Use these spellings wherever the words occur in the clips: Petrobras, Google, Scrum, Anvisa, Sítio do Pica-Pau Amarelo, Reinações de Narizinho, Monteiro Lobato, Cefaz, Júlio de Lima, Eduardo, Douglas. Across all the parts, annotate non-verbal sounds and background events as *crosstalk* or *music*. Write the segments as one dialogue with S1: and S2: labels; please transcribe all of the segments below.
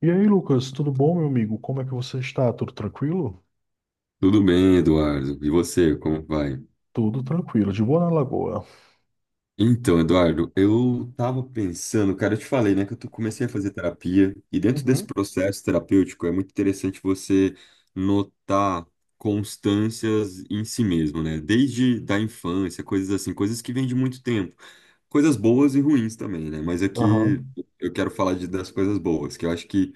S1: E aí, Lucas, tudo bom, meu amigo? Como é que você está? Tudo tranquilo?
S2: Tudo bem, Eduardo? E você, como vai?
S1: Tudo tranquilo, de boa na lagoa.
S2: Então, Eduardo, eu tava pensando, cara, eu te falei, né, que comecei a fazer terapia, e dentro desse
S1: Uhum.
S2: processo terapêutico é muito interessante você notar constâncias em si mesmo, né? Desde da infância, coisas assim, coisas que vêm de muito tempo. Coisas boas e ruins também, né? Mas
S1: Aham.
S2: aqui eu quero falar das coisas boas, que eu acho que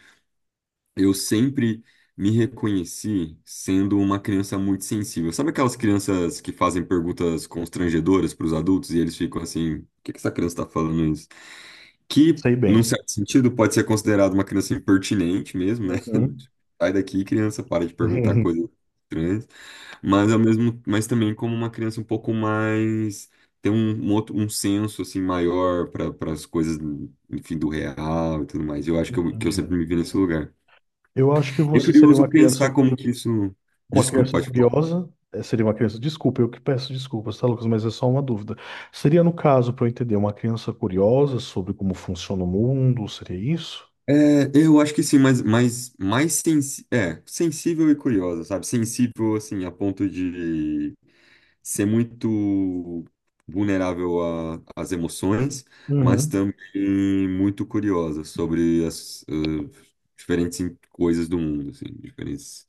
S2: Eu sempre me reconheci sendo uma criança muito sensível. Sabe aquelas crianças que fazem perguntas constrangedoras para os adultos e eles ficam assim: o que que essa criança está falando isso? Que,
S1: Sei
S2: num
S1: bem.
S2: certo sentido, pode ser considerado uma criança impertinente mesmo, né? *laughs*
S1: Uhum.
S2: Sai daqui, criança, para de perguntar coisas
S1: *laughs*
S2: estranhas. Mas, ao mesmo, mas também como uma criança um pouco mais. Tem um outro um senso assim maior para as coisas, enfim, do real e tudo mais. Eu acho que eu sempre
S1: Entendi.
S2: me vi nesse lugar.
S1: Eu acho que
S2: É
S1: você seria
S2: curioso pensar como que isso.
S1: uma
S2: Desculpa,
S1: criança
S2: pode falar.
S1: curiosa. Seria uma criança, desculpa, eu que peço desculpas, tá, Lucas? Mas é só uma dúvida. Seria, no caso, para eu entender, uma criança curiosa sobre como funciona o mundo? Seria isso?
S2: É, eu acho que sim, mas, mais sensível e curiosa, sabe? Sensível, assim, a ponto de ser muito vulnerável às emoções, mas
S1: Uhum.
S2: também muito curiosa sobre as diferentes coisas do mundo, assim, diferentes,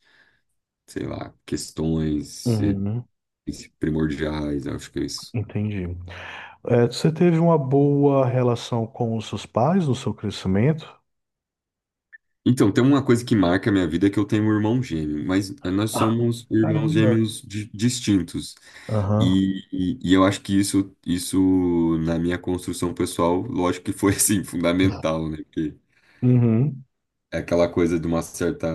S2: sei lá, questões
S1: Uhum.
S2: primordiais, acho que é isso.
S1: Entendi. Você teve uma boa relação com os seus pais no seu crescimento?
S2: Então, tem uma coisa que marca a minha vida é que eu tenho um irmão gêmeo, mas nós
S1: Ah.
S2: somos irmãos
S1: Caramba.
S2: gêmeos distintos.
S1: Aham.
S2: E eu acho que isso, na minha construção pessoal, lógico que foi, *laughs* assim, fundamental, né? Porque
S1: Uhum,
S2: é aquela coisa de uma certa...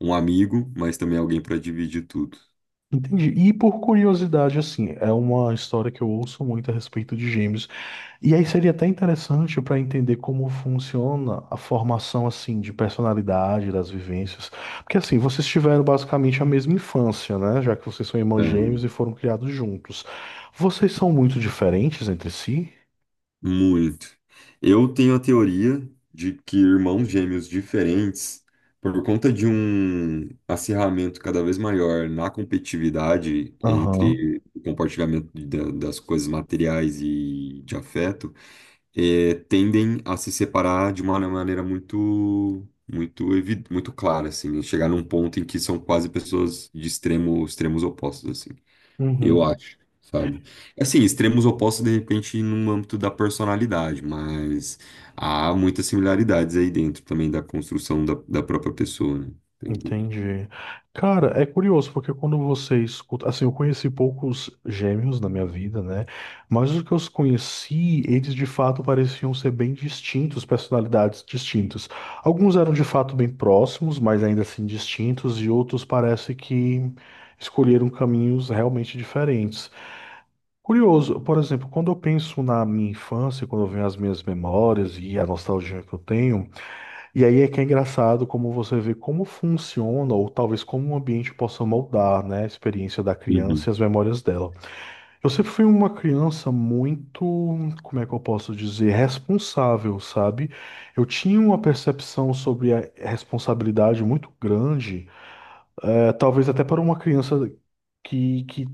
S2: um amigo, mas também alguém para dividir tudo.
S1: entendi. E por curiosidade, assim, é uma história que eu ouço muito a respeito de gêmeos. E aí seria até interessante para entender como funciona a formação, assim, de personalidade, das vivências. Porque, assim, vocês tiveram basicamente a mesma infância, né? Já que vocês são irmãos
S2: É.
S1: gêmeos e foram criados juntos. Vocês são muito diferentes entre si?
S2: Muito. Eu tenho a teoria de que irmãos gêmeos diferentes, por conta de um acirramento cada vez maior na competitividade
S1: Aham.
S2: entre o compartilhamento das coisas materiais e de afeto, tendem a se separar de uma maneira muito, muito clara, assim, né? Chegar num ponto em que são quase pessoas de extremos opostos, assim. Eu
S1: Uhum.
S2: acho, sabe? É assim, extremos opostos, de repente, no âmbito da personalidade, mas há muitas similaridades aí dentro também da construção da própria pessoa, né? Sem dúvida.
S1: Entendi. Cara, é curioso, porque quando você escuta. Assim, eu conheci poucos gêmeos na minha vida, né? Mas os que eu conheci, eles de fato pareciam ser bem distintos, personalidades distintas. Alguns eram de fato bem próximos, mas ainda assim distintos, e outros parece que escolheram caminhos realmente diferentes. Curioso, por exemplo, quando eu penso na minha infância, quando eu venho as minhas memórias e a nostalgia que eu tenho. E aí é que é engraçado como você vê como funciona, ou talvez como o ambiente possa moldar, né, a experiência da
S2: Uhum,
S1: criança e as memórias dela. Eu sempre fui uma criança muito, como é que eu posso dizer, responsável, sabe? Eu tinha uma percepção sobre a responsabilidade muito grande é, talvez até para uma criança que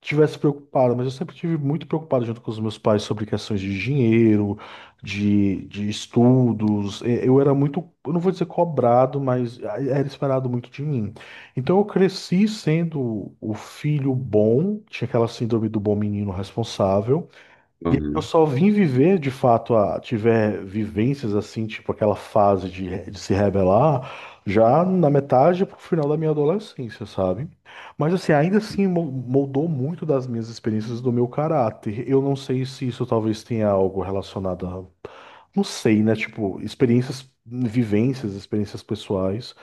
S1: tivesse preocupada, mas eu sempre tive muito preocupado junto com os meus pais sobre questões de dinheiro, de estudos. Eu era muito, eu não vou dizer cobrado, mas era esperado muito de mim. Então eu cresci sendo o filho bom, tinha aquela síndrome do bom menino responsável. E eu
S2: aham.
S1: só vim viver, de fato, a tiver vivências assim, tipo aquela fase de, de se rebelar, já na metade pro final da minha adolescência, sabe? Mas assim, ainda assim moldou muito das minhas experiências do meu caráter. Eu não sei se isso talvez tenha algo relacionado a, não sei, né? Tipo, experiências, vivências, experiências pessoais.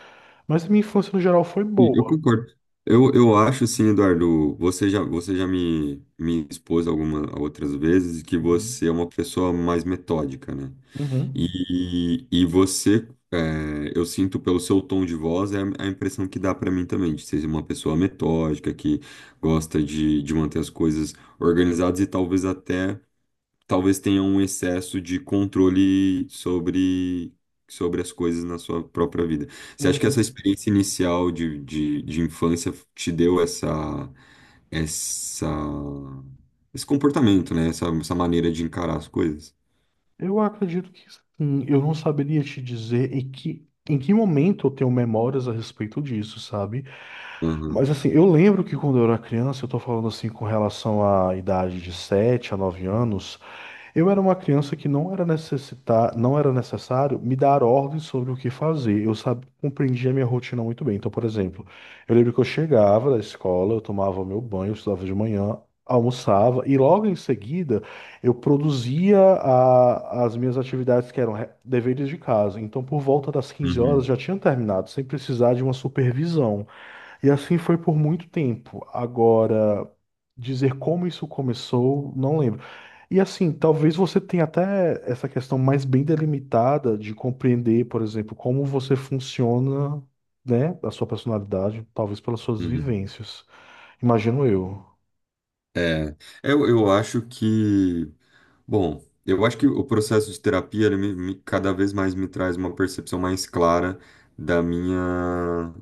S1: Mas a minha infância no geral foi
S2: Sim, eu
S1: boa.
S2: concordo. Eu acho assim, Eduardo, você já, me, me expôs algumas outras vezes que
S1: Uhum.
S2: você é uma pessoa mais metódica, né?
S1: Uhum.
S2: E você, é, eu sinto pelo seu tom de voz, é a impressão que dá pra mim também, de ser uma pessoa metódica, que gosta de manter as coisas organizadas e talvez até, talvez tenha um excesso de controle sobre as coisas na sua própria vida. Você acha que essa
S1: Uhum.
S2: experiência inicial de infância te deu essa, essa, esse comportamento, né? Essa maneira de encarar as coisas?
S1: Eu acredito que sim. Eu não saberia te dizer em que momento eu tenho memórias a respeito disso, sabe?
S2: Aham,
S1: Mas assim, eu lembro que quando eu era criança, eu tô falando assim com relação à idade de 7 a 9 anos. Eu era uma criança que não era necessitar, não era necessário me dar ordens sobre o que fazer. Eu sabia, compreendia a minha rotina muito bem. Então, por exemplo, eu lembro que eu chegava da escola, eu tomava meu banho, eu estudava de manhã, almoçava e logo em seguida eu produzia as minhas atividades que eram deveres de casa. Então, por volta das 15 horas
S2: uhum,
S1: já tinha terminado, sem precisar de uma supervisão. E assim foi por muito tempo. Agora, dizer como isso começou, não lembro. E assim, talvez você tenha até essa questão mais bem delimitada de compreender, por exemplo, como você funciona, né, a sua personalidade, talvez pelas suas
S2: uhum.
S1: vivências. Imagino eu.
S2: É, eu, eu acho que, bom, eu acho que o processo de terapia, ele cada vez mais me traz uma percepção mais clara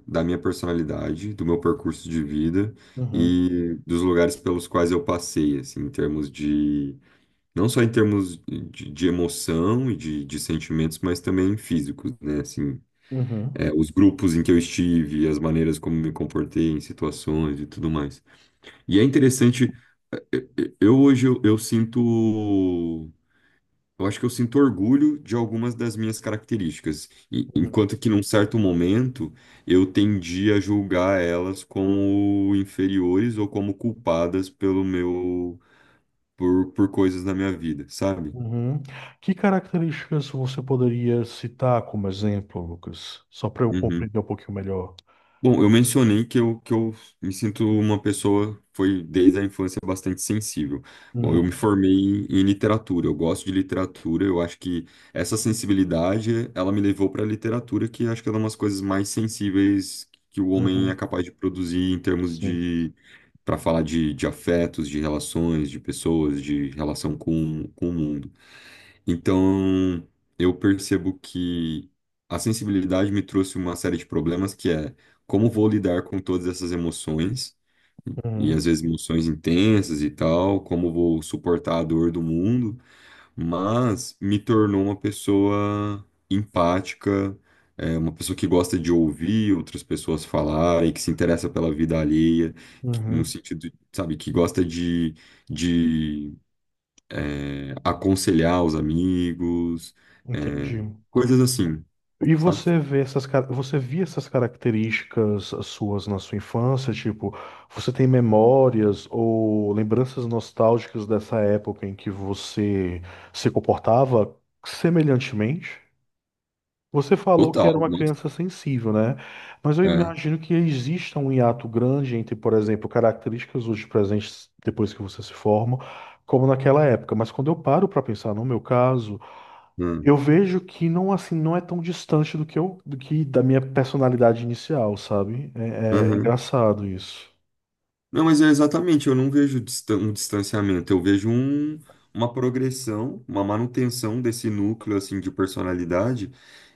S2: da minha personalidade, do meu percurso de vida
S1: Uhum,
S2: e dos lugares pelos quais eu passei, assim, em termos de, não só em termos de emoção e de sentimentos, mas também físicos, né, assim,
S1: uhum,
S2: é, os grupos em que eu estive, as maneiras como me comportei em situações e tudo mais. E é interessante eu eu hoje eu sinto, eu acho que eu sinto orgulho de algumas das minhas características,
S1: uhum,
S2: enquanto que num certo momento eu tendi a julgar elas como inferiores ou como culpadas pelo meu por coisas na minha vida, sabe?
S1: uhum. Que características você poderia citar como exemplo, Lucas? Só para eu
S2: Uhum.
S1: compreender um pouquinho melhor.
S2: Bom, eu mencionei que eu me sinto uma pessoa, foi desde a infância, bastante sensível. Bom, eu me
S1: Uhum,
S2: formei em literatura, eu gosto de literatura, eu acho que essa sensibilidade, ela me levou para a literatura, que acho que é uma das coisas mais sensíveis que o homem é
S1: uhum.
S2: capaz de produzir em termos
S1: Sim.
S2: de, para falar de afetos, de relações, de pessoas, de relação com o mundo. Então, eu percebo que a sensibilidade me trouxe uma série de problemas que é como vou lidar com todas essas emoções, e
S1: Uhum,
S2: às vezes emoções intensas e tal, como vou suportar a dor do mundo, mas me tornou uma pessoa empática, é, uma pessoa que gosta de ouvir outras pessoas falarem, que se interessa pela vida alheia, que- no
S1: uhum.
S2: sentido, sabe, que gosta de aconselhar os amigos, é,
S1: Entendi.
S2: coisas assim,
S1: E
S2: sabe?
S1: você vê essas, você via essas características suas na sua infância? Tipo, você tem memórias ou lembranças nostálgicas dessa época em que você se comportava semelhantemente? Você falou que
S2: Total,
S1: era uma
S2: nossa.
S1: criança sensível, né? Mas eu
S2: É.
S1: imagino que exista um hiato grande entre, por exemplo, características hoje presentes depois que você se forma, como naquela época. Mas quando eu paro para pensar no meu caso,
S2: Hum,
S1: eu vejo que não assim não é tão distante do que eu do que da minha personalidade inicial, sabe? É, é
S2: aham.
S1: engraçado isso.
S2: Não, mas é exatamente, eu não vejo um distanciamento, eu vejo uma progressão, uma manutenção desse núcleo assim de personalidade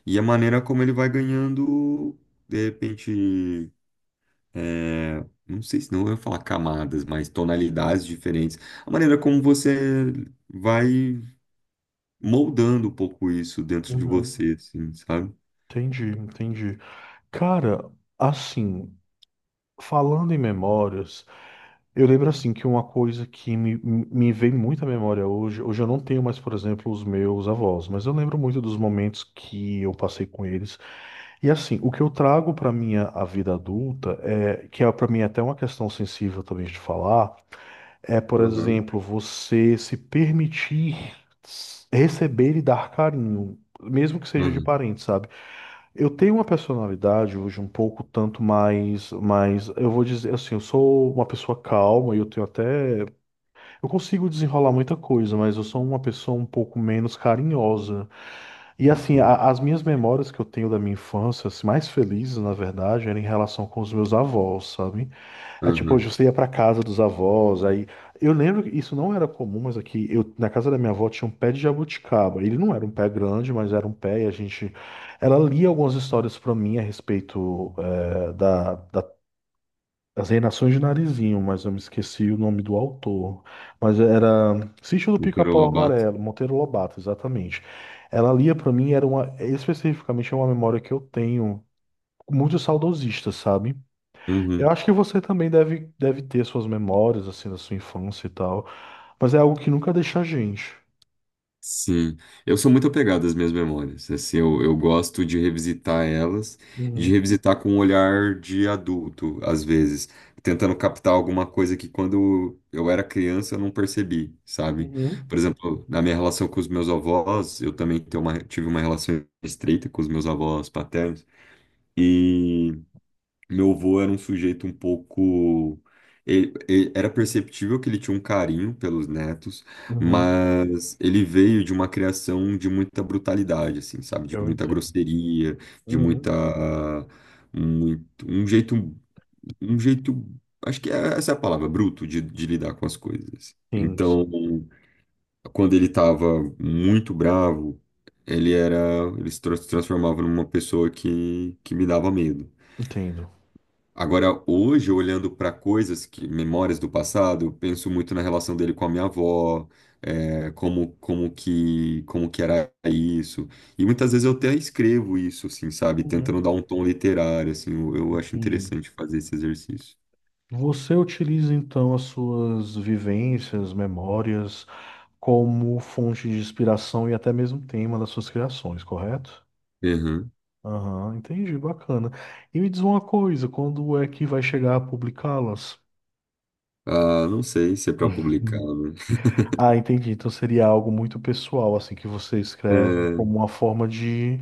S2: e a maneira como ele vai ganhando, de repente, é, não sei se não eu ia falar camadas, mas tonalidades diferentes, a maneira como você vai moldando um pouco isso dentro de
S1: Uhum.
S2: você, assim, sabe?
S1: Entendi, entendi. Cara, assim, falando em memórias, eu lembro assim que uma coisa que me vem muito à memória hoje, hoje eu não tenho mais, por exemplo, os meus avós, mas eu lembro muito dos momentos que eu passei com eles. E assim, o que eu trago para minha a vida adulta é que é para mim até uma questão sensível também de falar. É, por
S2: Aham,
S1: exemplo, você se permitir receber e dar carinho, mesmo que seja de
S2: aham,
S1: parente, sabe? Eu tenho uma personalidade hoje um pouco tanto mais, mas eu vou dizer assim, eu sou uma pessoa calma e eu tenho até, eu consigo desenrolar muita coisa, mas eu sou uma pessoa um pouco menos carinhosa. E assim,
S2: sim,
S1: as minhas memórias que eu tenho da minha infância, assim, mais felizes, na verdade, era em relação com os meus avós, sabe? É tipo,
S2: aham.
S1: hoje você ia pra casa dos avós, aí. Eu lembro que isso não era comum, mas aqui, eu, na casa da minha avó tinha um pé de jabuticaba. Ele não era um pé grande, mas era um pé, e a gente. Ela lia algumas histórias pra mim a respeito, da as Reinações de Narizinho, mas eu me esqueci o nome do autor. Mas era Sítio do
S2: Monteiro
S1: Pica-Pau
S2: Lobato?
S1: Amarelo, Monteiro Lobato, exatamente. Ela lia pra mim, era uma, especificamente é uma memória que eu tenho, muito saudosista, sabe? Eu
S2: Uhum,
S1: acho que você também deve ter suas memórias, assim, da sua infância e tal. Mas é algo que nunca deixa a gente.
S2: sim. Eu sou muito apegado às minhas memórias, assim, eu gosto de revisitar elas, de
S1: Uhum.
S2: revisitar com um olhar de adulto, às vezes, tentando captar alguma coisa que quando eu era criança eu não percebi, sabe?
S1: Uhum.
S2: Por exemplo, na minha relação com os meus avós, eu também tenho uma, tive uma relação estreita com os meus avós paternos, e... Meu avô era um sujeito um pouco. Era perceptível que ele tinha um carinho pelos netos,
S1: Uhum.
S2: mas ele veio de uma criação de muita brutalidade, assim, sabe? De
S1: Eu
S2: muita
S1: entendo.
S2: grosseria, de
S1: Uhum.
S2: muita. Muito- um jeito. Um jeito. Acho que é- essa é a palavra, bruto, de lidar com as coisas.
S1: Sim, sim,
S2: Então, quando ele estava muito bravo, ele era. Ele se transformava numa pessoa que me dava medo.
S1: entendo.
S2: Agora, hoje, olhando para coisas que, memórias do passado, eu penso muito na relação dele com a minha avó, é, como que era isso. E muitas vezes eu até escrevo isso, assim, sabe? Tentando dar
S1: Uhum.
S2: um tom literário, assim, eu acho
S1: Entendi.
S2: interessante fazer esse exercício.
S1: Você utiliza então as suas vivências, memórias, como fonte de inspiração e até mesmo tema das suas criações, correto?
S2: Uhum.
S1: Aham, entendi, bacana. E me diz uma coisa, quando é que vai chegar a publicá-las? *laughs*
S2: Ah, não sei se é para publicar,
S1: Uhum.
S2: né? *laughs*
S1: Ah, entendi. Então seria algo muito pessoal, assim, que você escreve como
S2: É,
S1: uma forma de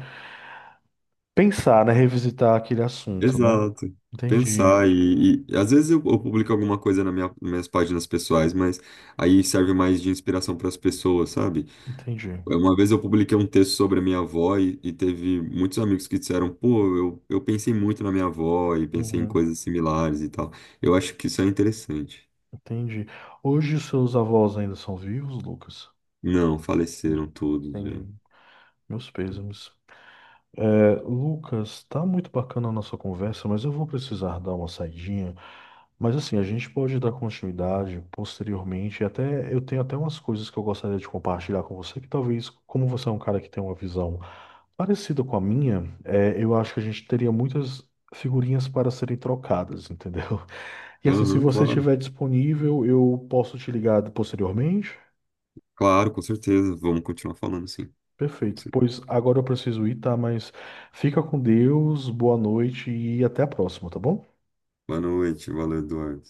S1: pensar, né? Revisitar aquele assunto, né?
S2: exato.
S1: Entendi,
S2: Pensar e às vezes eu publico alguma coisa na nas minhas páginas pessoais, mas aí serve mais de inspiração para as pessoas, sabe?
S1: entendi.
S2: É, uma vez eu publiquei um texto sobre a minha avó e teve muitos amigos que disseram, pô, eu pensei muito na minha avó e pensei em
S1: Uhum,
S2: coisas similares e tal. Eu acho que isso é interessante.
S1: entendi. Hoje os seus avós ainda são vivos, Lucas?
S2: Não, faleceram todos já.
S1: Entendi. Meus pêsames. É, Lucas, tá muito bacana a nossa conversa, mas eu vou precisar dar uma saidinha. Mas assim, a gente pode dar continuidade posteriormente. Até eu tenho até umas coisas que eu gostaria de compartilhar com você, que talvez, como você é um cara que tem uma visão parecida com a minha, é, eu acho que a gente teria muitas figurinhas para serem trocadas, entendeu? *laughs* E assim, se
S2: Aham,
S1: você
S2: claro.
S1: estiver disponível, eu posso te ligar posteriormente.
S2: Claro, com certeza. Vamos continuar falando, sim. Com
S1: Perfeito.
S2: cer-
S1: Pois agora eu preciso ir, tá? Mas fica com Deus, boa noite e até a próxima, tá bom?
S2: Boa noite, valeu, Eduardo.